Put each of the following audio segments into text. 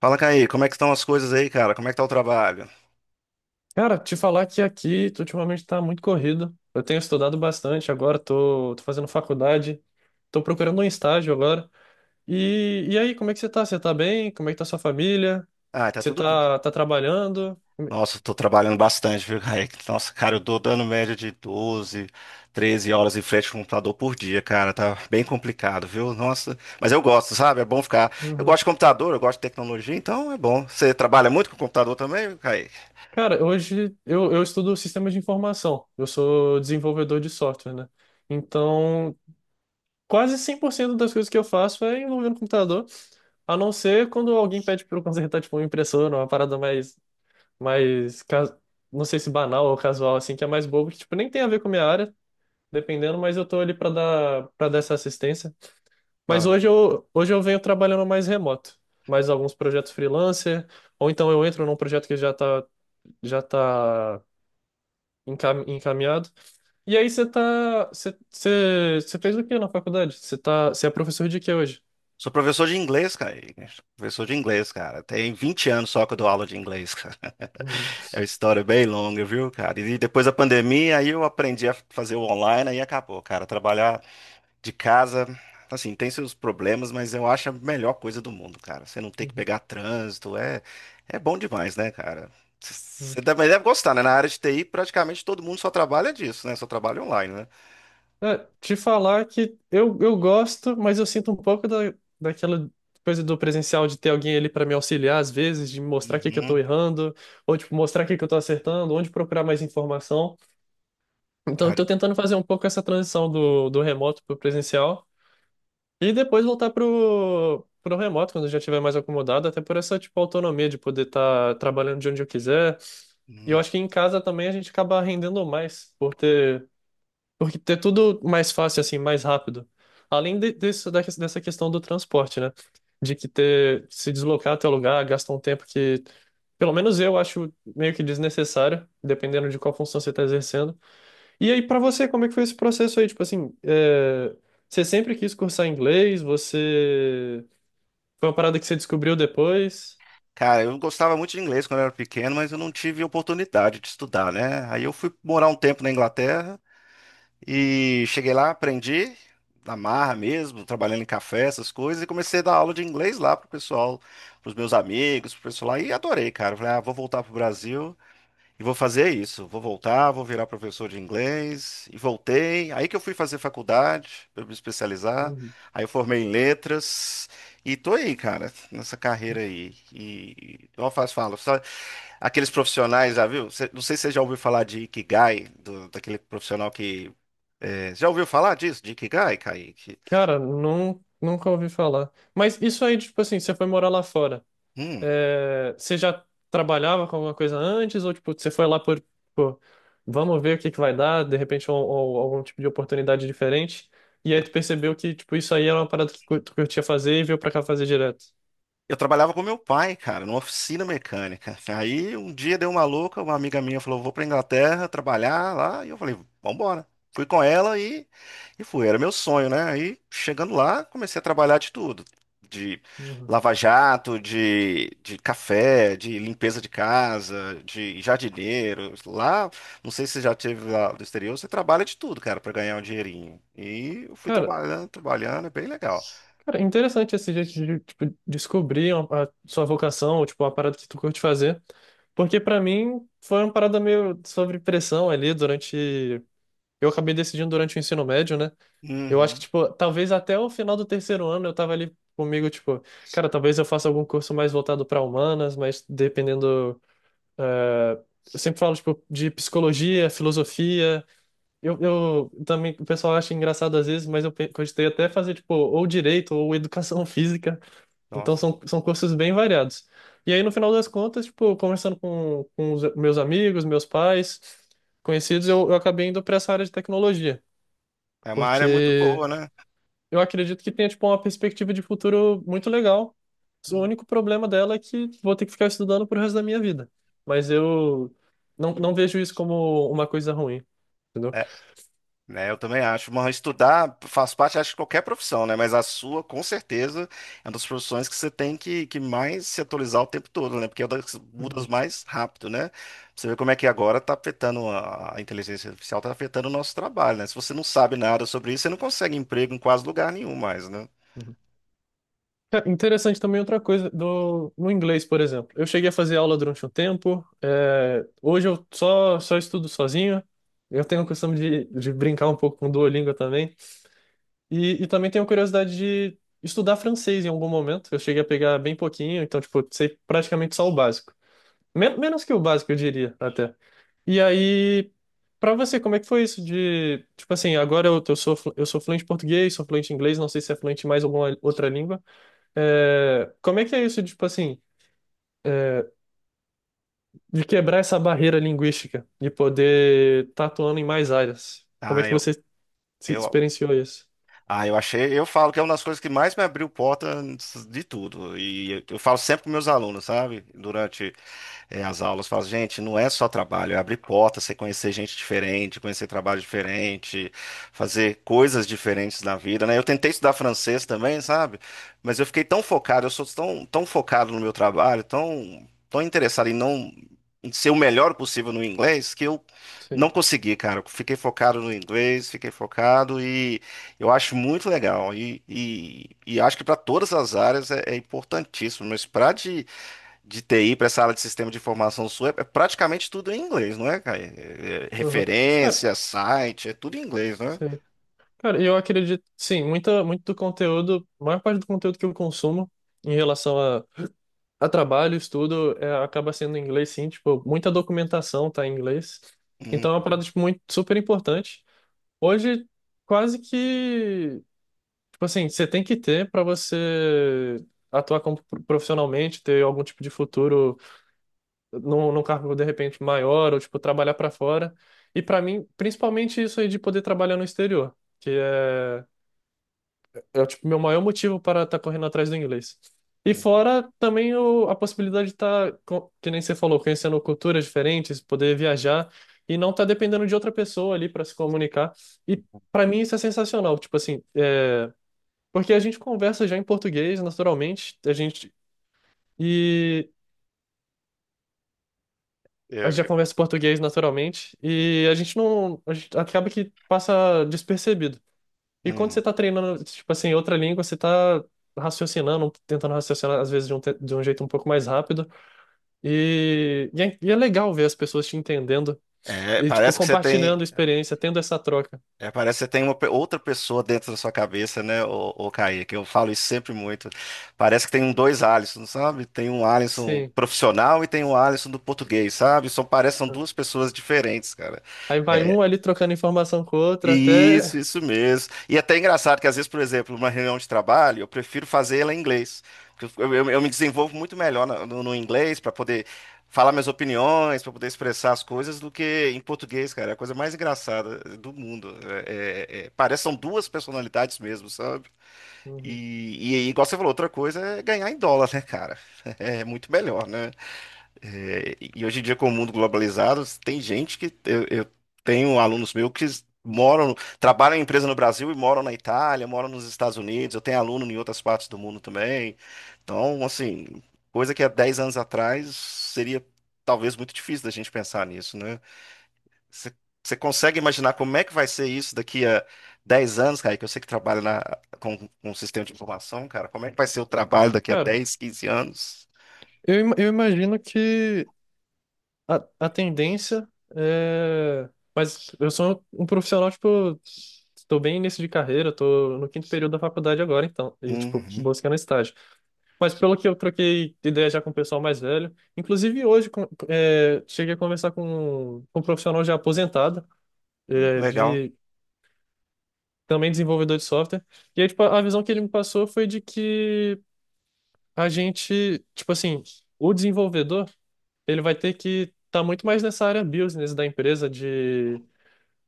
Fala, Caí, como é que estão as coisas aí, cara? Como é que tá o trabalho? Cara, te falar que aqui tu ultimamente tá muito corrido. Eu tenho estudado bastante agora, tô fazendo faculdade, tô procurando um estágio agora. E aí, como é que você tá? Você tá bem? Como é que tá sua família? Ah, tá Você tudo. Tá trabalhando? Nossa, eu tô trabalhando bastante, viu, Caí? Nossa, cara, eu tô dando média de 12, 13 horas em frente ao computador por dia, cara. Tá bem complicado, viu? Nossa, mas eu gosto, sabe? É bom ficar. Eu Uhum. gosto de computador, eu gosto de tecnologia, então é bom. Você trabalha muito com computador também, Caí? Cara, hoje eu estudo sistemas de informação. Eu sou desenvolvedor de software, né? Então, quase 100% das coisas que eu faço é envolvendo computador, a não ser quando alguém pede para eu consertar, tipo, uma impressora, uma parada mais mais, ca- não sei se banal ou casual, assim, que é mais bobo, que, tipo, nem tem a ver com a minha área, dependendo, mas eu tô ali pra para dar essa assistência. Mas hoje eu venho trabalhando mais remoto, mais alguns projetos freelancer, ou então eu entro num projeto que já tá encaminhado. E aí você tá, você, você, você fez o que na faculdade? Você tá, você é professor de quê hoje? Sou professor de inglês, cara. Professor de inglês, cara. Tem 20 anos só que eu dou aula de inglês, cara. Uhum, É uma história bem longa, viu, cara? E depois da pandemia, aí eu aprendi a fazer o online, aí acabou, cara. Trabalhar de casa, assim, tem seus problemas, mas eu acho a melhor coisa do mundo, cara. Você não tem que uhum, pegar trânsito, é bom demais, né, cara? Uhum. Você também deve gostar, né? Na área de TI, praticamente todo mundo só trabalha disso, né? Só trabalha online, né? É, te falar que eu gosto, mas eu sinto um pouco daquela coisa do presencial de ter alguém ali para me auxiliar às vezes, de mostrar o que que eu tô Uhum, errando, ou tipo, mostrar o que que eu tô acertando, onde procurar mais informação. Então eu cara. tô tentando fazer um pouco essa transição do remoto pro presencial e depois voltar pro remoto quando eu já estiver mais acomodado, até por essa tipo autonomia de poder estar trabalhando de onde eu quiser. E eu Hum. acho que em casa também a gente acaba rendendo mais porque é tudo mais fácil, assim, mais rápido. Além dessa questão do transporte, né? De que ter, se deslocar até o lugar gasta um tempo que, pelo menos eu acho meio que desnecessário, dependendo de qual função você está exercendo. E aí, para você, como é que foi esse processo aí? Tipo assim, é, você sempre quis cursar inglês? Você. Foi uma parada que você descobriu depois? Cara, eu gostava muito de inglês quando eu era pequeno, mas eu não tive oportunidade de estudar, né? Aí eu fui morar um tempo na Inglaterra e cheguei lá, aprendi na marra mesmo, trabalhando em café, essas coisas, e comecei a dar aula de inglês lá pro pessoal, pros meus amigos, pro pessoal lá, e adorei, cara. Falei, ah, vou voltar pro Brasil e vou fazer isso, vou voltar, vou virar professor de inglês, e voltei. Aí que eu fui fazer faculdade, para me especializar, Uhum. aí eu formei em letras, e tô aí, cara, nessa carreira aí. E, igual eu faço, falo, sabe, aqueles profissionais, já viu? Não sei se você já ouviu falar de Ikigai, daquele profissional que. É, já ouviu falar disso, de Ikigai, Kaique? Cara, não, nunca ouvi falar. Mas isso aí, tipo assim, você foi morar lá fora. Hum. É, você já trabalhava com alguma coisa antes ou tipo você foi lá por, tipo, vamos ver o que que vai dar, de repente algum tipo de oportunidade diferente e aí tu percebeu que tipo isso aí era uma parada que tu curtia fazer e veio pra cá fazer direto. Eu trabalhava com meu pai, cara, numa oficina mecânica. Aí um dia deu uma louca, uma amiga minha falou: vou pra Inglaterra trabalhar lá. E eu falei: vambora. Fui com ela e fui. Era meu sonho, né? Aí chegando lá, comecei a trabalhar de tudo: de Uhum. lava-jato, de café, de limpeza de casa, de jardineiro. Lá, não sei se você já teve lá do exterior, você trabalha de tudo, cara, pra ganhar um dinheirinho. E eu fui Cara, trabalhando, trabalhando, é bem legal. cara, interessante esse jeito de tipo, descobrir a sua vocação ou tipo uma parada que tu curte fazer, porque pra mim foi uma parada meio sobre pressão ali durante eu acabei decidindo durante o ensino médio, né? Eu acho que, Uhum. tipo, talvez até o final do terceiro ano eu tava ali comigo, tipo, cara, talvez eu faça algum curso mais voltado para humanas, mas dependendo. eh, eu sempre falo, tipo, de psicologia, filosofia. Eu também, o pessoal acha engraçado às vezes, mas eu cogitei até fazer, tipo, ou direito ou educação física. Então Nossa. São cursos bem variados. E aí, no final das contas, tipo, conversando com os meus amigos, meus pais, conhecidos, eu acabei indo para essa área de tecnologia. É uma área muito Porque. boa, né? Eu acredito que tenha, tipo, uma perspectiva de futuro muito legal. O Hum. único problema dela é que vou ter que ficar estudando pro resto da minha vida. Mas eu não vejo isso como uma coisa ruim, entendeu? É, né, eu também acho. Mas estudar faz parte, acho, de qualquer profissão, né? Mas a sua, com certeza, é uma das profissões que você tem que mais se atualizar o tempo todo, né? Porque é uma das que mudas mais rápido, né? Você vê como é que agora está afetando a inteligência artificial, está afetando o nosso trabalho, né? Se você não sabe nada sobre isso, você não consegue emprego em quase lugar nenhum mais, né? Uhum. É interessante também outra coisa do, no inglês, por exemplo. Eu cheguei a fazer aula durante um tempo, é, hoje eu só estudo sozinho. Eu tenho a questão de brincar um pouco com o Duolingo também. E também tenho curiosidade de estudar francês em algum momento. Eu cheguei a pegar bem pouquinho, então, tipo, sei praticamente só o básico. Menos que o básico, eu diria, até. E aí, pra você, como é que foi isso de, tipo assim, agora eu sou, eu sou fluente em português, sou fluente em inglês, não sei se é fluente em mais alguma outra língua. É, como é que é isso, tipo assim, é, de quebrar essa barreira linguística e poder estar atuando em mais áreas? Como é Ah, que você se eu, experienciou isso? eu achei, eu falo que é uma das coisas que mais me abriu porta de tudo. E eu falo sempre com meus alunos, sabe? Durante as aulas, fala, gente, não é só trabalho, é abrir porta, você conhecer gente diferente, conhecer trabalho diferente, fazer coisas diferentes na vida, né? Eu tentei estudar francês também, sabe? Mas eu fiquei tão focado, eu sou tão, tão focado no meu trabalho, tão, tão interessado em não em ser o melhor possível no inglês, que eu não Sim. consegui, cara. Eu fiquei focado no inglês, fiquei focado e eu acho muito legal. E acho que para todas as áreas é, é importantíssimo, mas para de TI para essa área de sistema de informação sua, é praticamente tudo em inglês, não é, Caio? É, Uhum. Cara, referência, site, é tudo em inglês, né? sim. Cara, eu acredito, sim, muito do conteúdo, a maior parte do conteúdo que eu consumo em relação a trabalho, estudo, é, acaba sendo em inglês, sim, tipo, muita documentação tá em inglês. Então é uma Uhum, parada, tipo, muito, super importante. Hoje, quase que. Tipo assim, você tem que ter para você atuar como profissionalmente, ter algum tipo de futuro num cargo de repente maior, ou tipo, trabalhar para fora. E para mim, principalmente isso aí de poder trabalhar no exterior, que é, é tipo, meu maior motivo para estar correndo atrás do inglês. E uhum. fora também a possibilidade de estar, que nem você falou, conhecendo culturas diferentes, poder viajar e não estar dependendo de outra pessoa ali para se comunicar. E para mim isso é sensacional. Tipo assim, é. Porque a gente conversa já em português naturalmente, e a É, gente já conversa em português naturalmente e a gente não a gente acaba que passa despercebido. E quando você uhum. tá treinando, tipo assim, outra língua, você tá raciocinando, tentando raciocinar às vezes de de um jeito um pouco mais rápido e é legal ver as pessoas te entendendo É, e tipo parece que você tem, compartilhando experiência, tendo essa troca. parece que você tem uma outra pessoa dentro da sua cabeça, né, ô Kaique? Eu falo isso sempre muito. Parece que tem um dois Alisson, sabe? Tem um Alisson Sim. profissional e tem um Alisson do português, sabe? São, parecem duas pessoas diferentes, cara. Aí vai É, um ali trocando informação com o outro até. isso mesmo. E até é engraçado que às vezes, por exemplo, uma reunião de trabalho, eu prefiro fazer ela em inglês. Porque eu me desenvolvo muito melhor no inglês para poder falar minhas opiniões, para poder expressar as coisas, do que em português, cara. É a coisa mais engraçada do mundo. É, parece que são duas personalidades mesmo, sabe? Uhum. E, igual você falou, outra coisa é ganhar em dólar, né, cara? É muito melhor, né? É, e hoje em dia, com o mundo globalizado, tem gente que eu tenho alunos meus que moram, trabalham em empresa no Brasil e moram na Itália, moram nos Estados Unidos. Eu tenho aluno em outras partes do mundo também. Então, assim, coisa que há 10 anos atrás seria talvez muito difícil da gente pensar nisso, né? Você você consegue imaginar como é que vai ser isso daqui a 10 anos, cara? Que eu sei que trabalha com o sistema de informação, cara. Como é que vai ser o trabalho daqui a Cara, 10, 15 anos? Eu imagino que a tendência é. Mas eu sou um profissional, tipo, estou bem início de carreira, estou no quinto período da faculdade agora, então, e, tipo, Uhum, buscando estágio. Mas pelo que eu troquei ideia já com o pessoal mais velho, inclusive hoje é, cheguei a conversar com um profissional já aposentado, é, legal. de, também desenvolvedor de software, e aí, tipo, a visão que ele me passou foi de que a gente, tipo assim, o desenvolvedor, ele vai ter que estar muito mais nessa área business da empresa,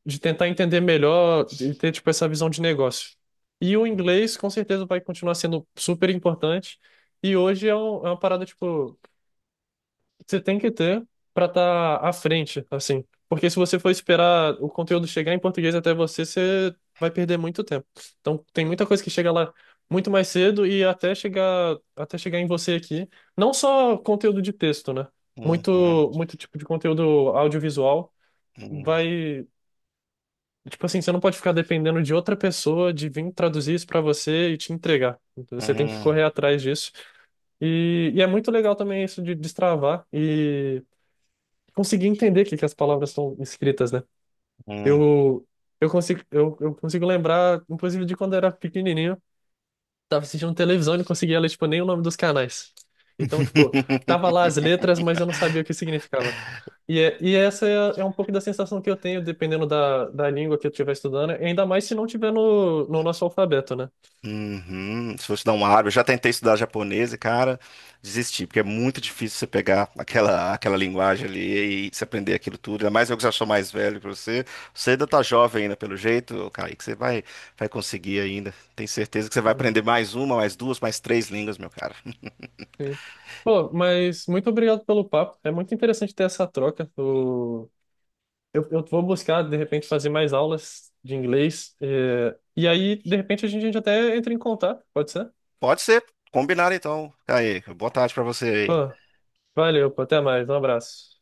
de tentar entender melhor e ter, tipo, essa visão de negócio. E o inglês, com certeza, vai continuar sendo super importante. E hoje é, é uma parada, tipo, que você tem que ter para estar à frente, assim. Porque se você for esperar o conteúdo chegar em português até você, você vai perder muito tempo. Então, tem muita coisa que chega lá muito mais cedo e até até chegar em você aqui. Não só conteúdo de texto, né? Uhum. Muito, muito tipo de conteúdo audiovisual Hum, vai. Tipo assim, você não pode ficar dependendo de outra pessoa de vir traduzir isso pra você e te entregar. Então, você tem que hum, correr atrás disso. E é muito legal também isso de destravar e conseguir entender o que, que as palavras estão escritas, né? hum. Eu, eu consigo lembrar, inclusive, de quando eu era pequenininho tava assistindo televisão e não conseguia ler, tipo, nem o nome dos canais. Então, tipo, tava lá as letras, mas eu não sabia o que significava. E, e essa é, é um pouco da sensação que eu tenho, dependendo da língua que eu estiver estudando, ainda mais se não tiver no nosso alfabeto, né? Uhum. Se fosse dar uma árvore, eu já tentei estudar japonês e, cara, desisti, porque é muito difícil você pegar aquela linguagem ali e se aprender aquilo tudo. Ainda mais eu que já sou mais velho que você. Você ainda tá jovem ainda, pelo jeito, cara, que você vai conseguir ainda. Tenho certeza que você vai Uhum, aprender mais uma, mais duas, mais três línguas, meu cara. sim. Pô, mas muito obrigado pelo papo. É muito interessante ter essa troca. O... Eu vou buscar, de repente, fazer mais aulas de inglês. E, aí, de repente, a gente até entra em contato, pode ser? Pode ser, combinado então. Aí, boa tarde pra você Pô, aí. valeu, pô, até mais. Um abraço.